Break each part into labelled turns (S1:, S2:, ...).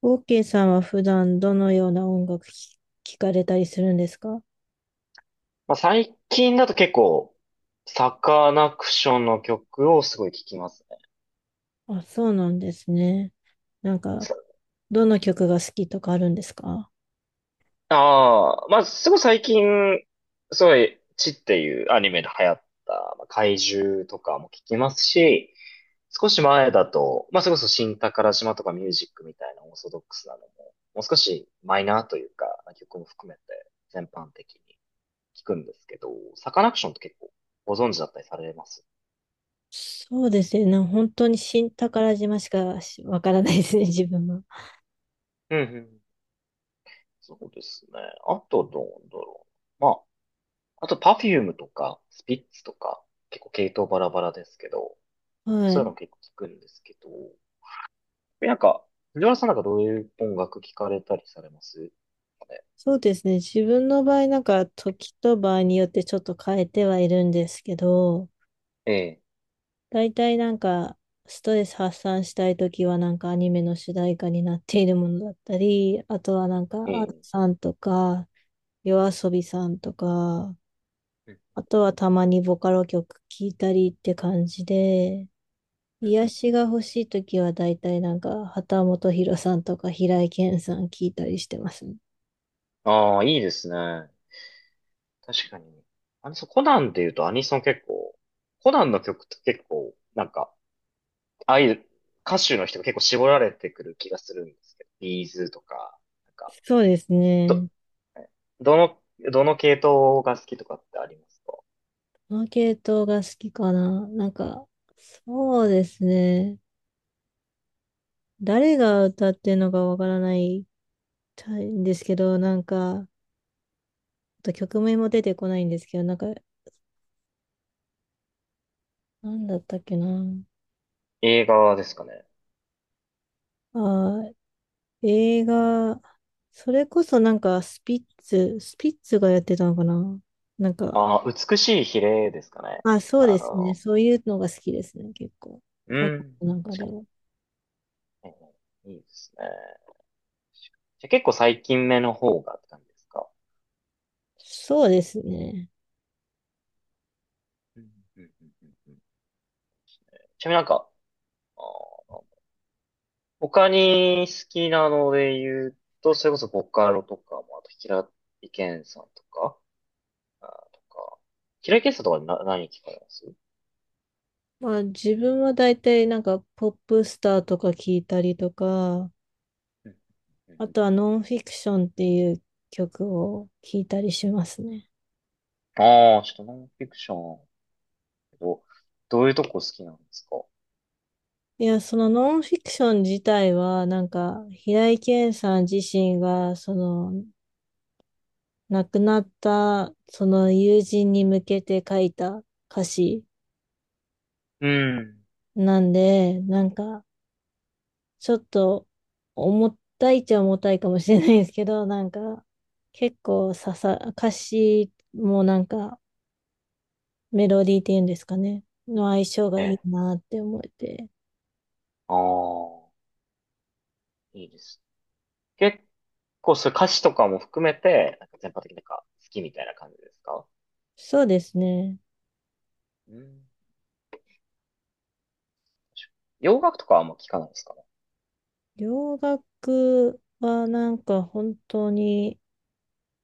S1: OK さんは普段どのような音楽聞かれたりするんですか？
S2: まあ、最近だと結構、サカナクションの曲をすごい聴きますね。
S1: あ、そうなんですね。なんか、
S2: さ
S1: どの曲が好きとかあるんですか？
S2: ああ、まあ、すごい最近、すごい、チっていうアニメで流行った、まあ、怪獣とかも聴きますし、少し前だと、まあ、それこそ新宝島とかミュージックみたいなオーソドックスなのも、もう少しマイナーというか、曲も含めて全般的に聴くんですけど、サカナクションって結構ご存知だったりされます？
S1: そうですね。本当に新宝島しかしわからないですね、自分は。
S2: うんうん。そうですね。あとどうだろう。まあ、あとパフュームとか、スピッツとか、結構系統バラバラですけど、
S1: は
S2: そういう
S1: い。
S2: の結構聞くんですけど、なんか、藤原さんなんかどういう音楽聞かれたりされますかね？
S1: そうですね。自分の場合、時と場合によってちょっと変えてはいるんですけど、
S2: え
S1: 大体、ストレス発散したいときはなんかアニメの主題歌になっているものだったり、あとは
S2: え、え
S1: アル
S2: え。
S1: さんとか、夜遊びさんとか、
S2: うん
S1: あとはたまにボカロ曲聴いたりって感じで、
S2: うんうん
S1: 癒
S2: うん。
S1: しが欲しいときは大体、畑本博さんとか平井堅さん聴いたりしてますね。
S2: ああ、いいですね。確かに。そうコナンで言うとアニソン結構、コナンの曲って結構、なんか、ああいう歌手の人が結構絞られてくる気がするんですけど、ビーズとか、なんか、
S1: そうです
S2: ど、
S1: ね。
S2: どの、どの系統が好きとかってありますか？
S1: この系統が好きかな。そうですね。誰が歌ってるのかわからないたいんですけど、あと曲名も出てこないんですけど、なんだったっけな。
S2: 映画ですかね。
S1: あー、映画、それこそスピッツがやってたのかな。なんか、
S2: ああ、美しい比例ですかね。
S1: あ、そう
S2: あ
S1: ですね。
S2: の、
S1: そういうのが好きですね、結構。
S2: う
S1: こ
S2: ん。
S1: ので
S2: 確か
S1: も。
S2: に。いいですね。じゃあ結構最近目の方がって感じですか。
S1: そうですね。
S2: うんうんうんうんうん。ちなみになんか、あー他に好きなので言うと、それこそボカロとかも、あと平井堅さんとか、あーとか、平井堅さんとかな何聞かれます？
S1: まあ、自分は大体、ポップスターとか聞いたりとか、
S2: うんうん。
S1: あとはノンフィクションっていう曲を聞いたりしますね。
S2: ちょっとノンフィクション。けど、どういうとこ好きなんですか？
S1: いや、そのノンフィクション自体は、平井堅さん自身が、その、亡くなった、その友人に向けて書いた歌詞
S2: うん。
S1: なんで、なんか、ちょっと、重たいっちゃ重たいかもしれないですけど、結構刺さ、歌詞もメロディーっていうんですかね、の相性が
S2: え
S1: いい
S2: え。
S1: なって思えて。
S2: ああ、いいです。結構、そういう歌詞とかも含めて、なんか全般的になんか好きみたいな感じですか？
S1: そうですね。
S2: うん。洋楽とかはあんま聞かないですかね？
S1: 洋楽はなんか本当に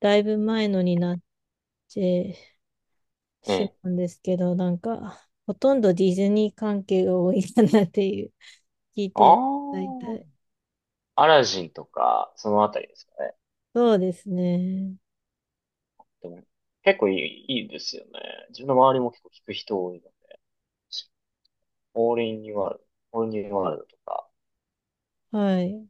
S1: だいぶ前のになって
S2: え
S1: し
S2: え。
S1: まうんですけど、なんかほとんどディズニー関係が多いかなっていう、聞いてる、
S2: あ
S1: 大体。
S2: あ、アラジンとか、そのあたりですかね。
S1: そうですね。
S2: でも、結構いい、いいですよね。自分の周りも結構聞く人多いので、オールインニューワールオールインニューワールドとか。
S1: はい。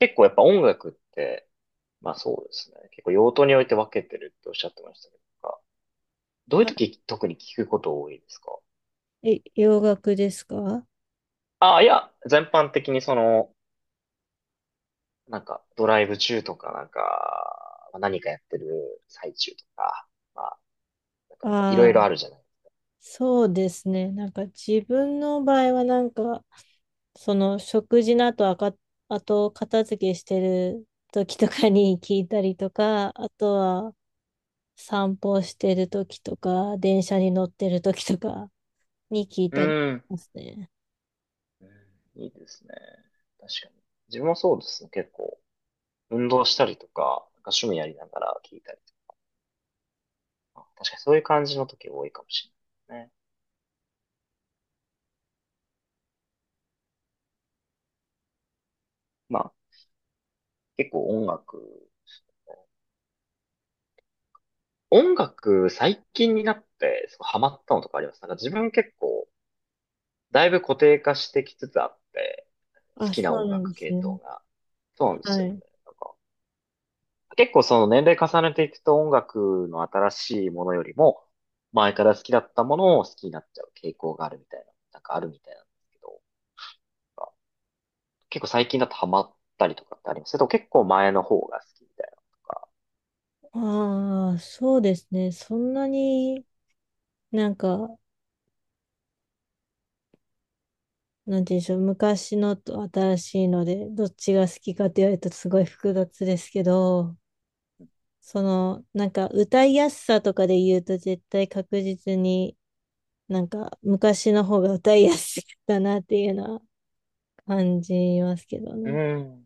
S2: 結構やっぱ音楽って、まあそうですね。結構用途において分けてるっておっしゃってましたけど、なんかどういう
S1: は
S2: 時特に聞くこと多いですか？
S1: え、洋楽ですか？
S2: ああ、いや、全般的になんかドライブ中とかなんか、まあ何かやってる最中とか、まあなんかいろい
S1: ああ
S2: ろ
S1: ー、
S2: あるじゃない。
S1: そうですね。自分の場合はなんか、その食事の後、あと片付けしてる時とかに聞いたりとか、あとは、散歩してる時とか、電車に乗ってる時とかに聞い
S2: う
S1: たりし
S2: ん。
S1: ますね。
S2: うん。いいですね。確かに。自分もそうですね。結構運動したりとか、なんか趣味やりながら聞いたりとか、確かにそういう感じの時多いかもしれないですね。まあ結構音楽、最近になって、すごいハマったのとかあります？なんか自分結構、だいぶ固定化してきつつあって、好
S1: あ、
S2: きな
S1: そう
S2: 音
S1: なん
S2: 楽
S1: です
S2: 系
S1: ね。
S2: 統が。そうなんです
S1: は
S2: よね。
S1: い。
S2: なんか、結構その年齢重ねていくと音楽の新しいものよりも、前から好きだったものを好きになっちゃう傾向があるみたいな、なんかあるみたいなんですけど、なんか結構最近だとハマったりとかってありますけど、それとも結構前の方が好きみたいなのとか。
S1: ああ、そうですね。そんなになんか、なんて言うんでしょう。昔のと新しいので、どっちが好きかって言われるとすごい複雑ですけど、その、なんか歌いやすさとかで言うと絶対確実になんか昔の方が歌いやすいかなっていうのは感じますけど
S2: う
S1: ね。
S2: ん。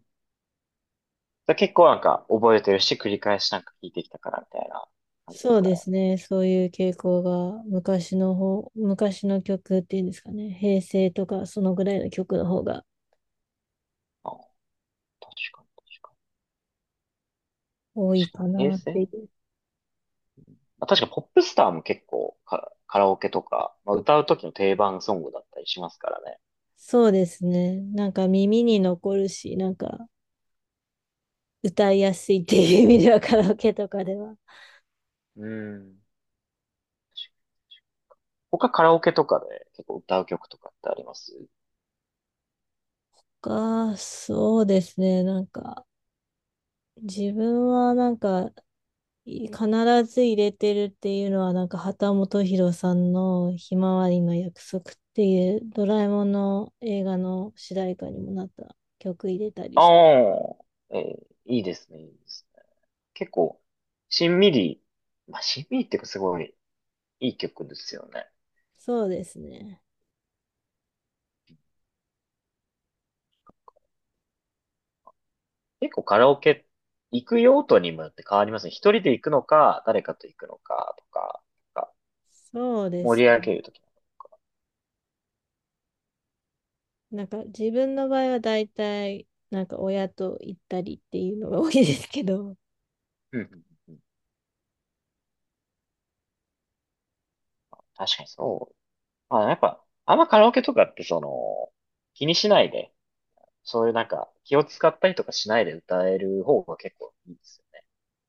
S2: だから結構なんか覚えてるし、繰り返しなんか聞いてきたからみたいな感じで
S1: そ
S2: す
S1: う
S2: か
S1: で
S2: ね。
S1: すね。そういう傾向が昔の曲っていうんですかね。平成とかそのぐらいの曲の方が
S2: あ、確かに、確か
S1: 多
S2: に。
S1: い
S2: 確
S1: か
S2: かに、平
S1: なって
S2: 成。
S1: いう。
S2: まあ、確かにポップスターも結構カラオケとか、まあ、歌う時の定番ソングだったりしますからね。
S1: そうですね。なんか耳に残るし、なんか歌いやすいっていう意味では カラオケとかでは。
S2: うん。他カラオケとかで結構歌う曲とかってあります？
S1: そうですね。自分はなんか必ず入れてるっていうのは、なんか秦基博さんのひまわりの約束っていうドラえもんの映画の主題歌にもなった曲入れたりして、
S2: ああいいですね、いいですね。結構、しんみり、しんみりっていうかすごいいい曲ですよね。
S1: そうですね。
S2: 結構カラオケ行く用途にもよって変わりますね。一人で行くのか、誰かと行くのかとか、なんか
S1: そうで
S2: 盛
S1: す
S2: り上げ
S1: ね。
S2: るとき。
S1: なんか自分の場合は大体、なんか親と行ったりっていうのが多いですけど、
S2: うんうんうん。確かにそう。まあ、やっぱ、あんまカラオケとかって気にしないで、そういうなんか気を使ったりとかしないで歌える方が結構いいですよね。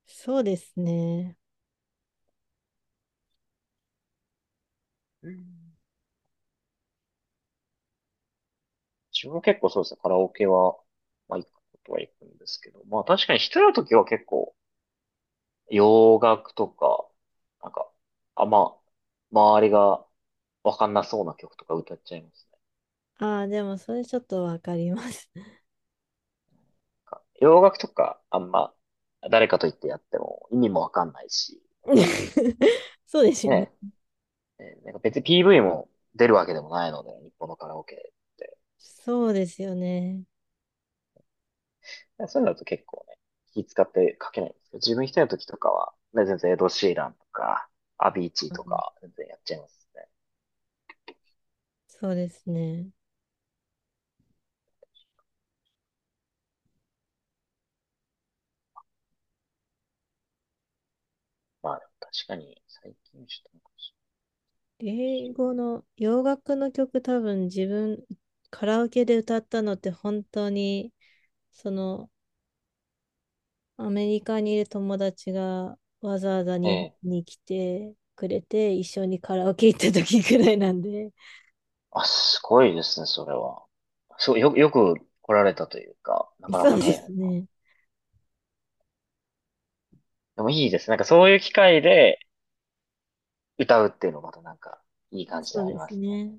S1: そうですね。
S2: うん。自分も結構そうですね、カラオケは、まあ行くことは行くんですけど、まあ確かに一人の時は結構洋楽とか、なんか、あんま、周りがわかんなそうな曲とか歌っちゃいますね。
S1: ああ、でもそれちょっとわかります。
S2: なんか洋楽とかあんま誰かと言ってやっても意味もわかんないし、なんか
S1: そうですよね。
S2: ね、ねなんか別に PV も出るわけでもないので、日本のカラオケって。
S1: そうですよね。
S2: そういうのだと結構ね、気使って書けないんですけど、自分一人の時とかは、ね、全然エド・シーランとか、アビーチー
S1: う
S2: と
S1: ん、
S2: か、全然やっちゃいますね。
S1: そうですね。
S2: まあでも確かに、最近ちょっとなんか
S1: 英語の洋楽の曲多分自分カラオケで歌ったのって本当にそのアメリカにいる友達がわざわざ
S2: え
S1: 日本
S2: え。
S1: に来てくれて一緒にカラオケ行った時くらいなんで。
S2: あ、すごいですね、それは。そう、よく来られたというか、な かな
S1: そう
S2: か
S1: で
S2: 大変
S1: す
S2: な。
S1: ね。
S2: でもいいです。なんかそういう機会で歌うっていうのもまたなんか、いい感じで
S1: そう
S2: はあり
S1: で
S2: ま
S1: す
S2: すね。
S1: ね。